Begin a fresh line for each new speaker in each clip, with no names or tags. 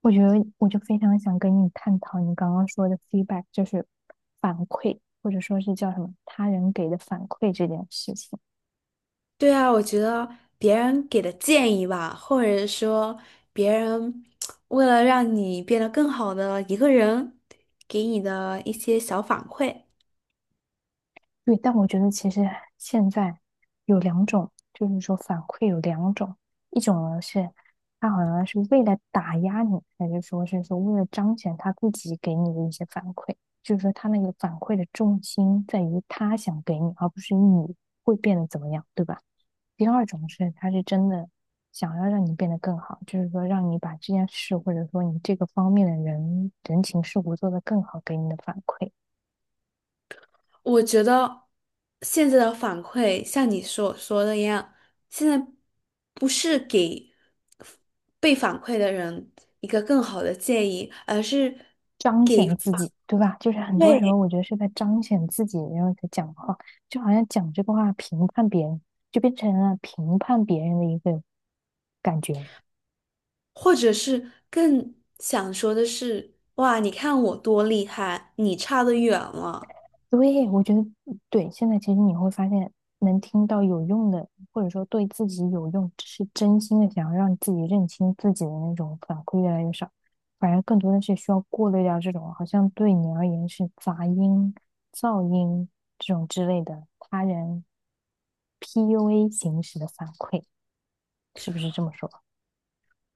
我觉得我就非常想跟你探讨你刚刚说的 feedback，就是反馈，或者说是叫什么他人给的反馈这件事情。
对啊，我觉得别人给的建议吧，或者说别人为了让你变得更好的一个人，给你的一些小反馈，
对，但我觉得其实现在有两种，就是说反馈有两种，一种呢是他好像是为了打压你，还是说为了彰显他自己给你的一些反馈，就是说他那个反馈的重心在于他想给你，而不是你会变得怎么样，对吧？第二种是，他是真的想要让你变得更好，就是说让你把这件事，或者说你这个方面的人人情世故做得更好，给你的反馈，
我觉得现在的反馈像你所说的一样，现在不是给被反馈的人一个更好的建议，而是
彰
给
显自己，对吧？就是很多时
对，
候我觉得是在彰显自己，然后在讲话，就好像讲这个话评判别人，就变成了评判别人的一个感觉。
或者是更想说的是，哇，你看我多厉害，你差得远了。
对，我觉得对。现在其实你会发现，能听到有用的，或者说对自己有用，是真心的想要让自己认清自己的那种反馈越来越少，反而更多的是需要过滤掉这种好像对你而言是杂音、噪音这种之类的他人 PUA 形式的反馈，是不是这么说？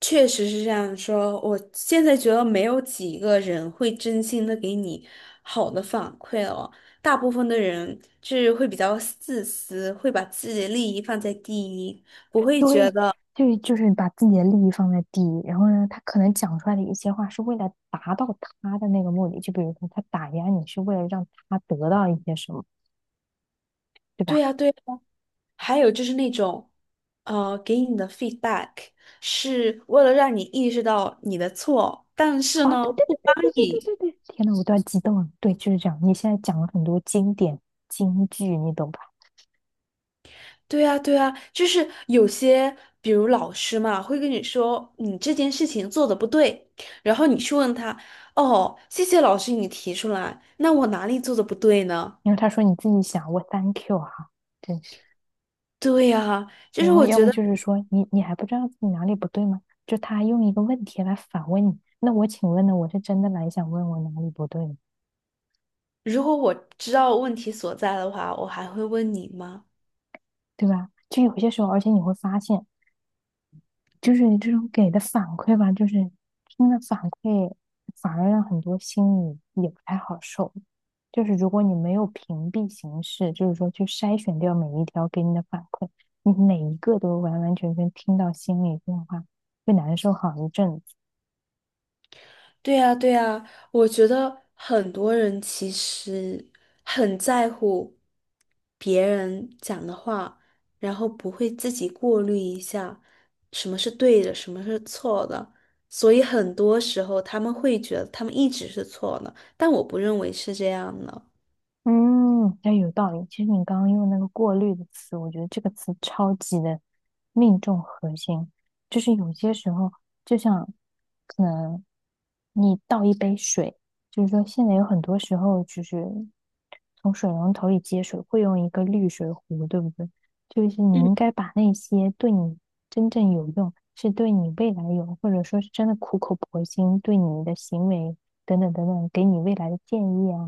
确实是这样说，我现在觉得没有几个人会真心的给你好的反馈了，大部分的人就是会比较自私，会把自己的利益放在第一，不会觉
对，
得
就是把自己的利益放在第一，然后呢，他可能讲出来的一些话是为了达到他的那个目的，就比如说他打压你是为了让他得到一些什么，对
对
吧？
呀对呀。还有就是那种，给你的 feedback 是为了让你意识到你的错，但是
哦，对
呢，
对
不
对对
帮
对对
你。
对对对，天呐，我都要激动了。对，就是这样。你现在讲了很多经典金句，你懂吧？
对呀，对呀，就是有些，比如老师嘛，会跟你说你这件事情做的不对，然后你去问他，哦，谢谢老师你提出来，那我哪里做的不对呢？
然后他说你自己想，我 thank you 哈，真是。
对呀，就是
然后
我
要
觉
么
得，
就是说你还不知道自己哪里不对吗？就他用一个问题来反问你，那我请问呢？我是真的来想问我哪里不对吗？
如果我知道问题所在的话，我还会问你吗？
对吧？就有些时候，而且你会发现，就是你这种给的反馈吧，就是真的反馈，反而让很多心里也不太好受。就是如果你没有屏蔽形式，就是说去筛选掉每一条给你的反馈，你每一个都完完全全听到心里变化，会难受好一阵子。
对呀，对呀，我觉得很多人其实很在乎别人讲的话，然后不会自己过滤一下什么是对的，什么是错的，所以很多时候他们会觉得他们一直是错的，但我不认为是这样的。
嗯，哎，有道理。其实你刚刚用那个“过滤”的词，我觉得这个词超级的命中核心。就是有些时候，就像可能你倒一杯水，就是说现在有很多时候就是从水龙头里接水，会用一个滤水壶，对不对？就是你
嗯，
应该把那些对你真正有用，是对你未来有，或者说是真的苦口婆心对你的行为等等等等，给你未来的建议啊。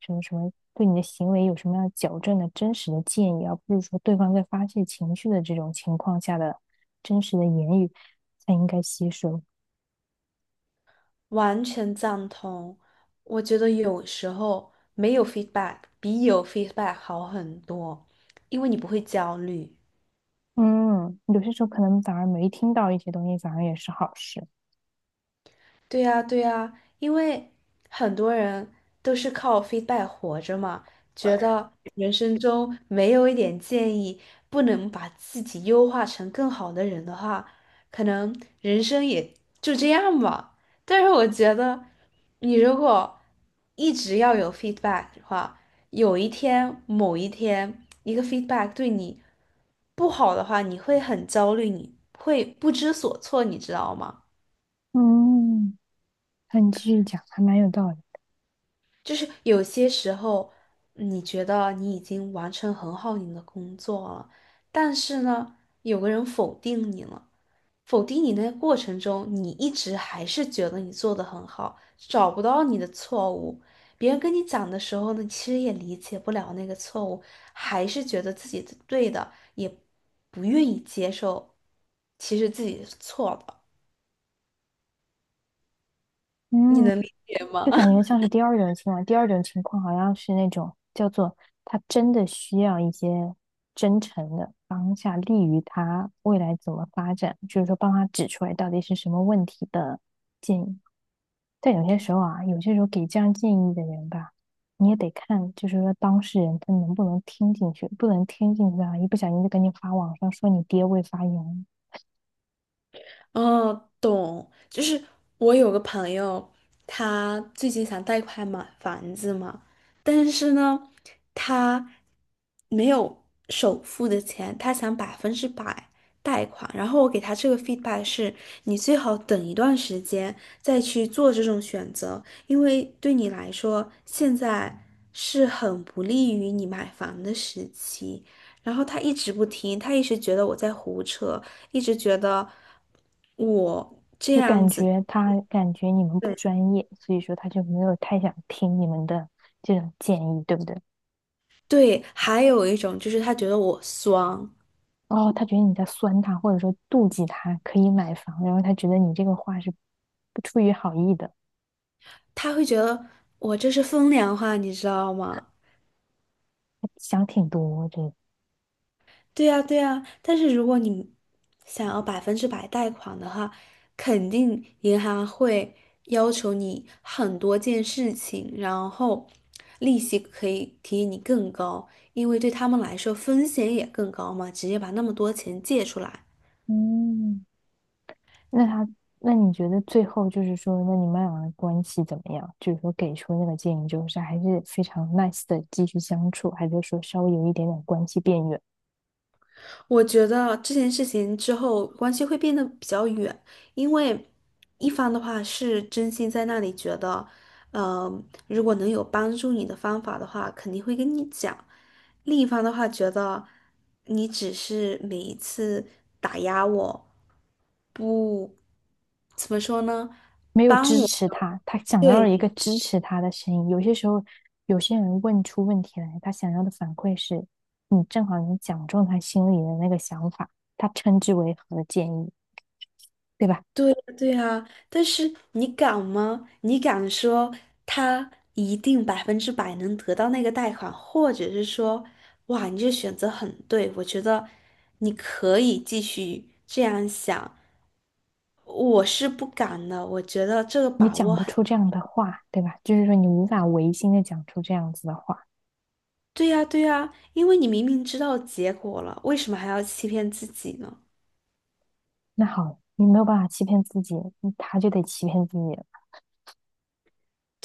什么什么对你的行为有什么样矫正的真实的建议，而不是说对方在发泄情绪的这种情况下的真实的言语才应该吸收。
完全赞同，我觉得有时候没有 feedback 比有 feedback 好很多，因为你不会焦虑。
嗯，有些时候可能反而没听到一些东西，反而也是好事。
对呀，对呀，因为很多人都是靠 feedback 活着嘛，觉得人生中没有一点建议，不能把自己优化成更好的人的话，可能人生也就这样吧。但是我觉得，你如果一直要有 feedback 的话，有一天，某一天，一个 feedback 对你不好的话，你会很焦虑，你会不知所措，你知道吗？
嗯，那你继续讲，还蛮有道理。
就是有些时候，你觉得你已经完成很好你的工作了，但是呢，有个人否定你了，否定你那个过程中，你一直还是觉得你做得很好，找不到你的错误。别人跟你讲的时候呢，其实也理解不了那个错误，还是觉得自己是对的，也不愿意接受，其实自己是错的。你
嗯。
能理解吗？
就感 觉像是第二种情况，第二种情况好像是那种叫做他真的需要一些真诚的当下利于他未来怎么发展，就是说帮他指出来到底是什么问题的建议。但有些时候啊，有些时候给这样建议的人吧，你也得看，就是说当事人他能不能听进去，不能听进去啊，一不小心就赶紧发网上说你爹未发言。
哦，懂，就是我有个朋友，他最近想贷款买房子嘛，但是呢，他没有首付的钱，他想百分之百贷款。然后我给他这个 feedback 是，你最好等一段时间再去做这种选择，因为对你来说，现在是很不利于你买房的时期。然后他一直不听，他一直觉得我在胡扯，一直觉得我这
就
样
感
子。
觉他感觉你们不
对，
专业，所以说他就没有太想听你们的这种建议，对不对？
对，还有一种就是他觉得我酸，
哦，他觉得你在酸他，或者说妒忌他可以买房，然后他觉得你这个话是不出于好意的，
他会觉得我这是风凉话，你知道吗？
他想挺多这个。
对呀，对呀，但是如果你想要百分之百贷款的话，肯定银行会要求你很多件事情，然后利息可以提你更高，因为对他们来说风险也更高嘛，直接把那么多钱借出来，
嗯，那他，那你觉得最后就是说，那你们俩的关系怎么样？就是说给出那个建议就是还是非常 nice 的继续相处，还是说稍微有一点点关系变远？
我觉得这件事情之后关系会变得比较远，因为一方的话是真心在那里觉得，呃，如果能有帮助你的方法的话，肯定会跟你讲；另一方的话觉得你只是每一次打压我，不，怎么说呢？
没有支持他，他想要一
对，
个支持他的声音。有些时候，有些人问出问题来，他想要的反馈是，你正好你讲中他心里的那个想法，他称之为和建议，对吧？
对呀，对呀，但是你敢吗？你敢说他一定百分之百能得到那个贷款，或者是说，哇，你这选择很对，我觉得你可以继续这样想。我是不敢的，我觉得这个
你
把
讲
握
不
很，
出这样的话，对吧？就是说你无法违心的讲出这样子的话，
对呀，对呀，因为你明明知道结果了，为什么还要欺骗自己呢？
那好，你没有办法欺骗自己，嗯他就得欺骗自己了。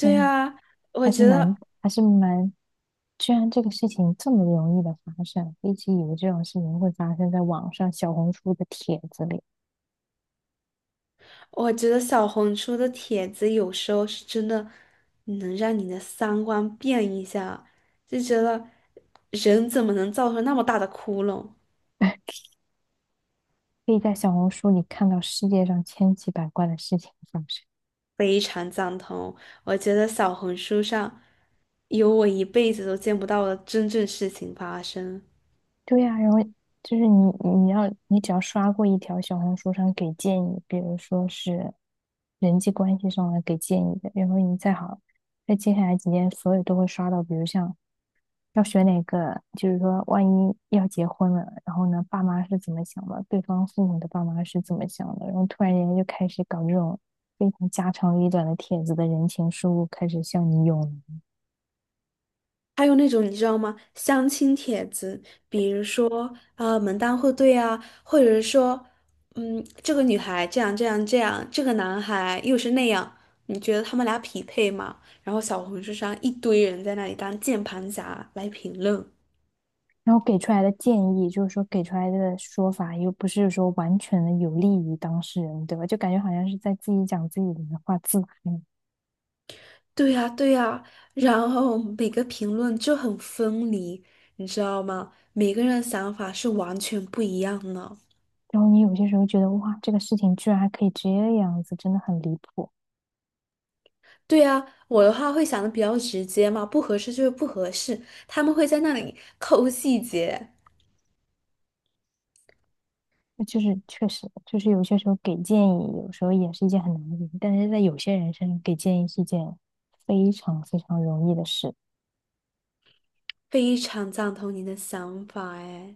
天呐，
呀，我
还是
觉
蛮
得。
还是蛮，居然这个事情这么容易的发生，一直以为这种事情会发生在网上小红书的帖子里，
我觉得小红书的帖子有时候是真的能让你的三观变一下，就觉得人怎么能造出那么大的窟窿？
可以在小红书里看到世界上千奇百怪的事情发生。
非常赞同，我觉得小红书上有我一辈子都见不到的真正事情发生。
对呀、然后就是你，你要你只要刷过一条小红书上给建议，比如说是人际关系上的给建议的，然后你再好，在接下来几天，所有都会刷到，比如像要选哪个，就是说万一要结婚了，然后呢，爸妈是怎么想的，对方父母的爸妈是怎么想的，然后突然间就开始搞这种非常家长里短的帖子的人情世故，开始向你涌
还有那种你知道吗？相亲帖子，比如说啊门当户对啊，或者是说，嗯，这个女孩这样这样这样，这个男孩又是那样，你觉得他们俩匹配吗？然后小红书上一堆人在那里当键盘侠来评论，
然后给出来的建议，就是说给出来的说法又不是说完全的有利于当事人，对吧？就感觉好像是在自己讲自己的话自嗨。
对呀对呀，然后每个评论就很分离，你知道吗？每个人的想法是完全不一样的。
然后你有些时候觉得，哇，这个事情居然还可以这样子，真的很离谱。
对呀，我的话会想的比较直接嘛，不合适就是不合适，他们会在那里抠细节，
就是确实，就是有些时候给建议，有时候也是一件很难的事情，但是在有些人身上给建议是一件非常非常容易的事。
非常赞同你的想法哎。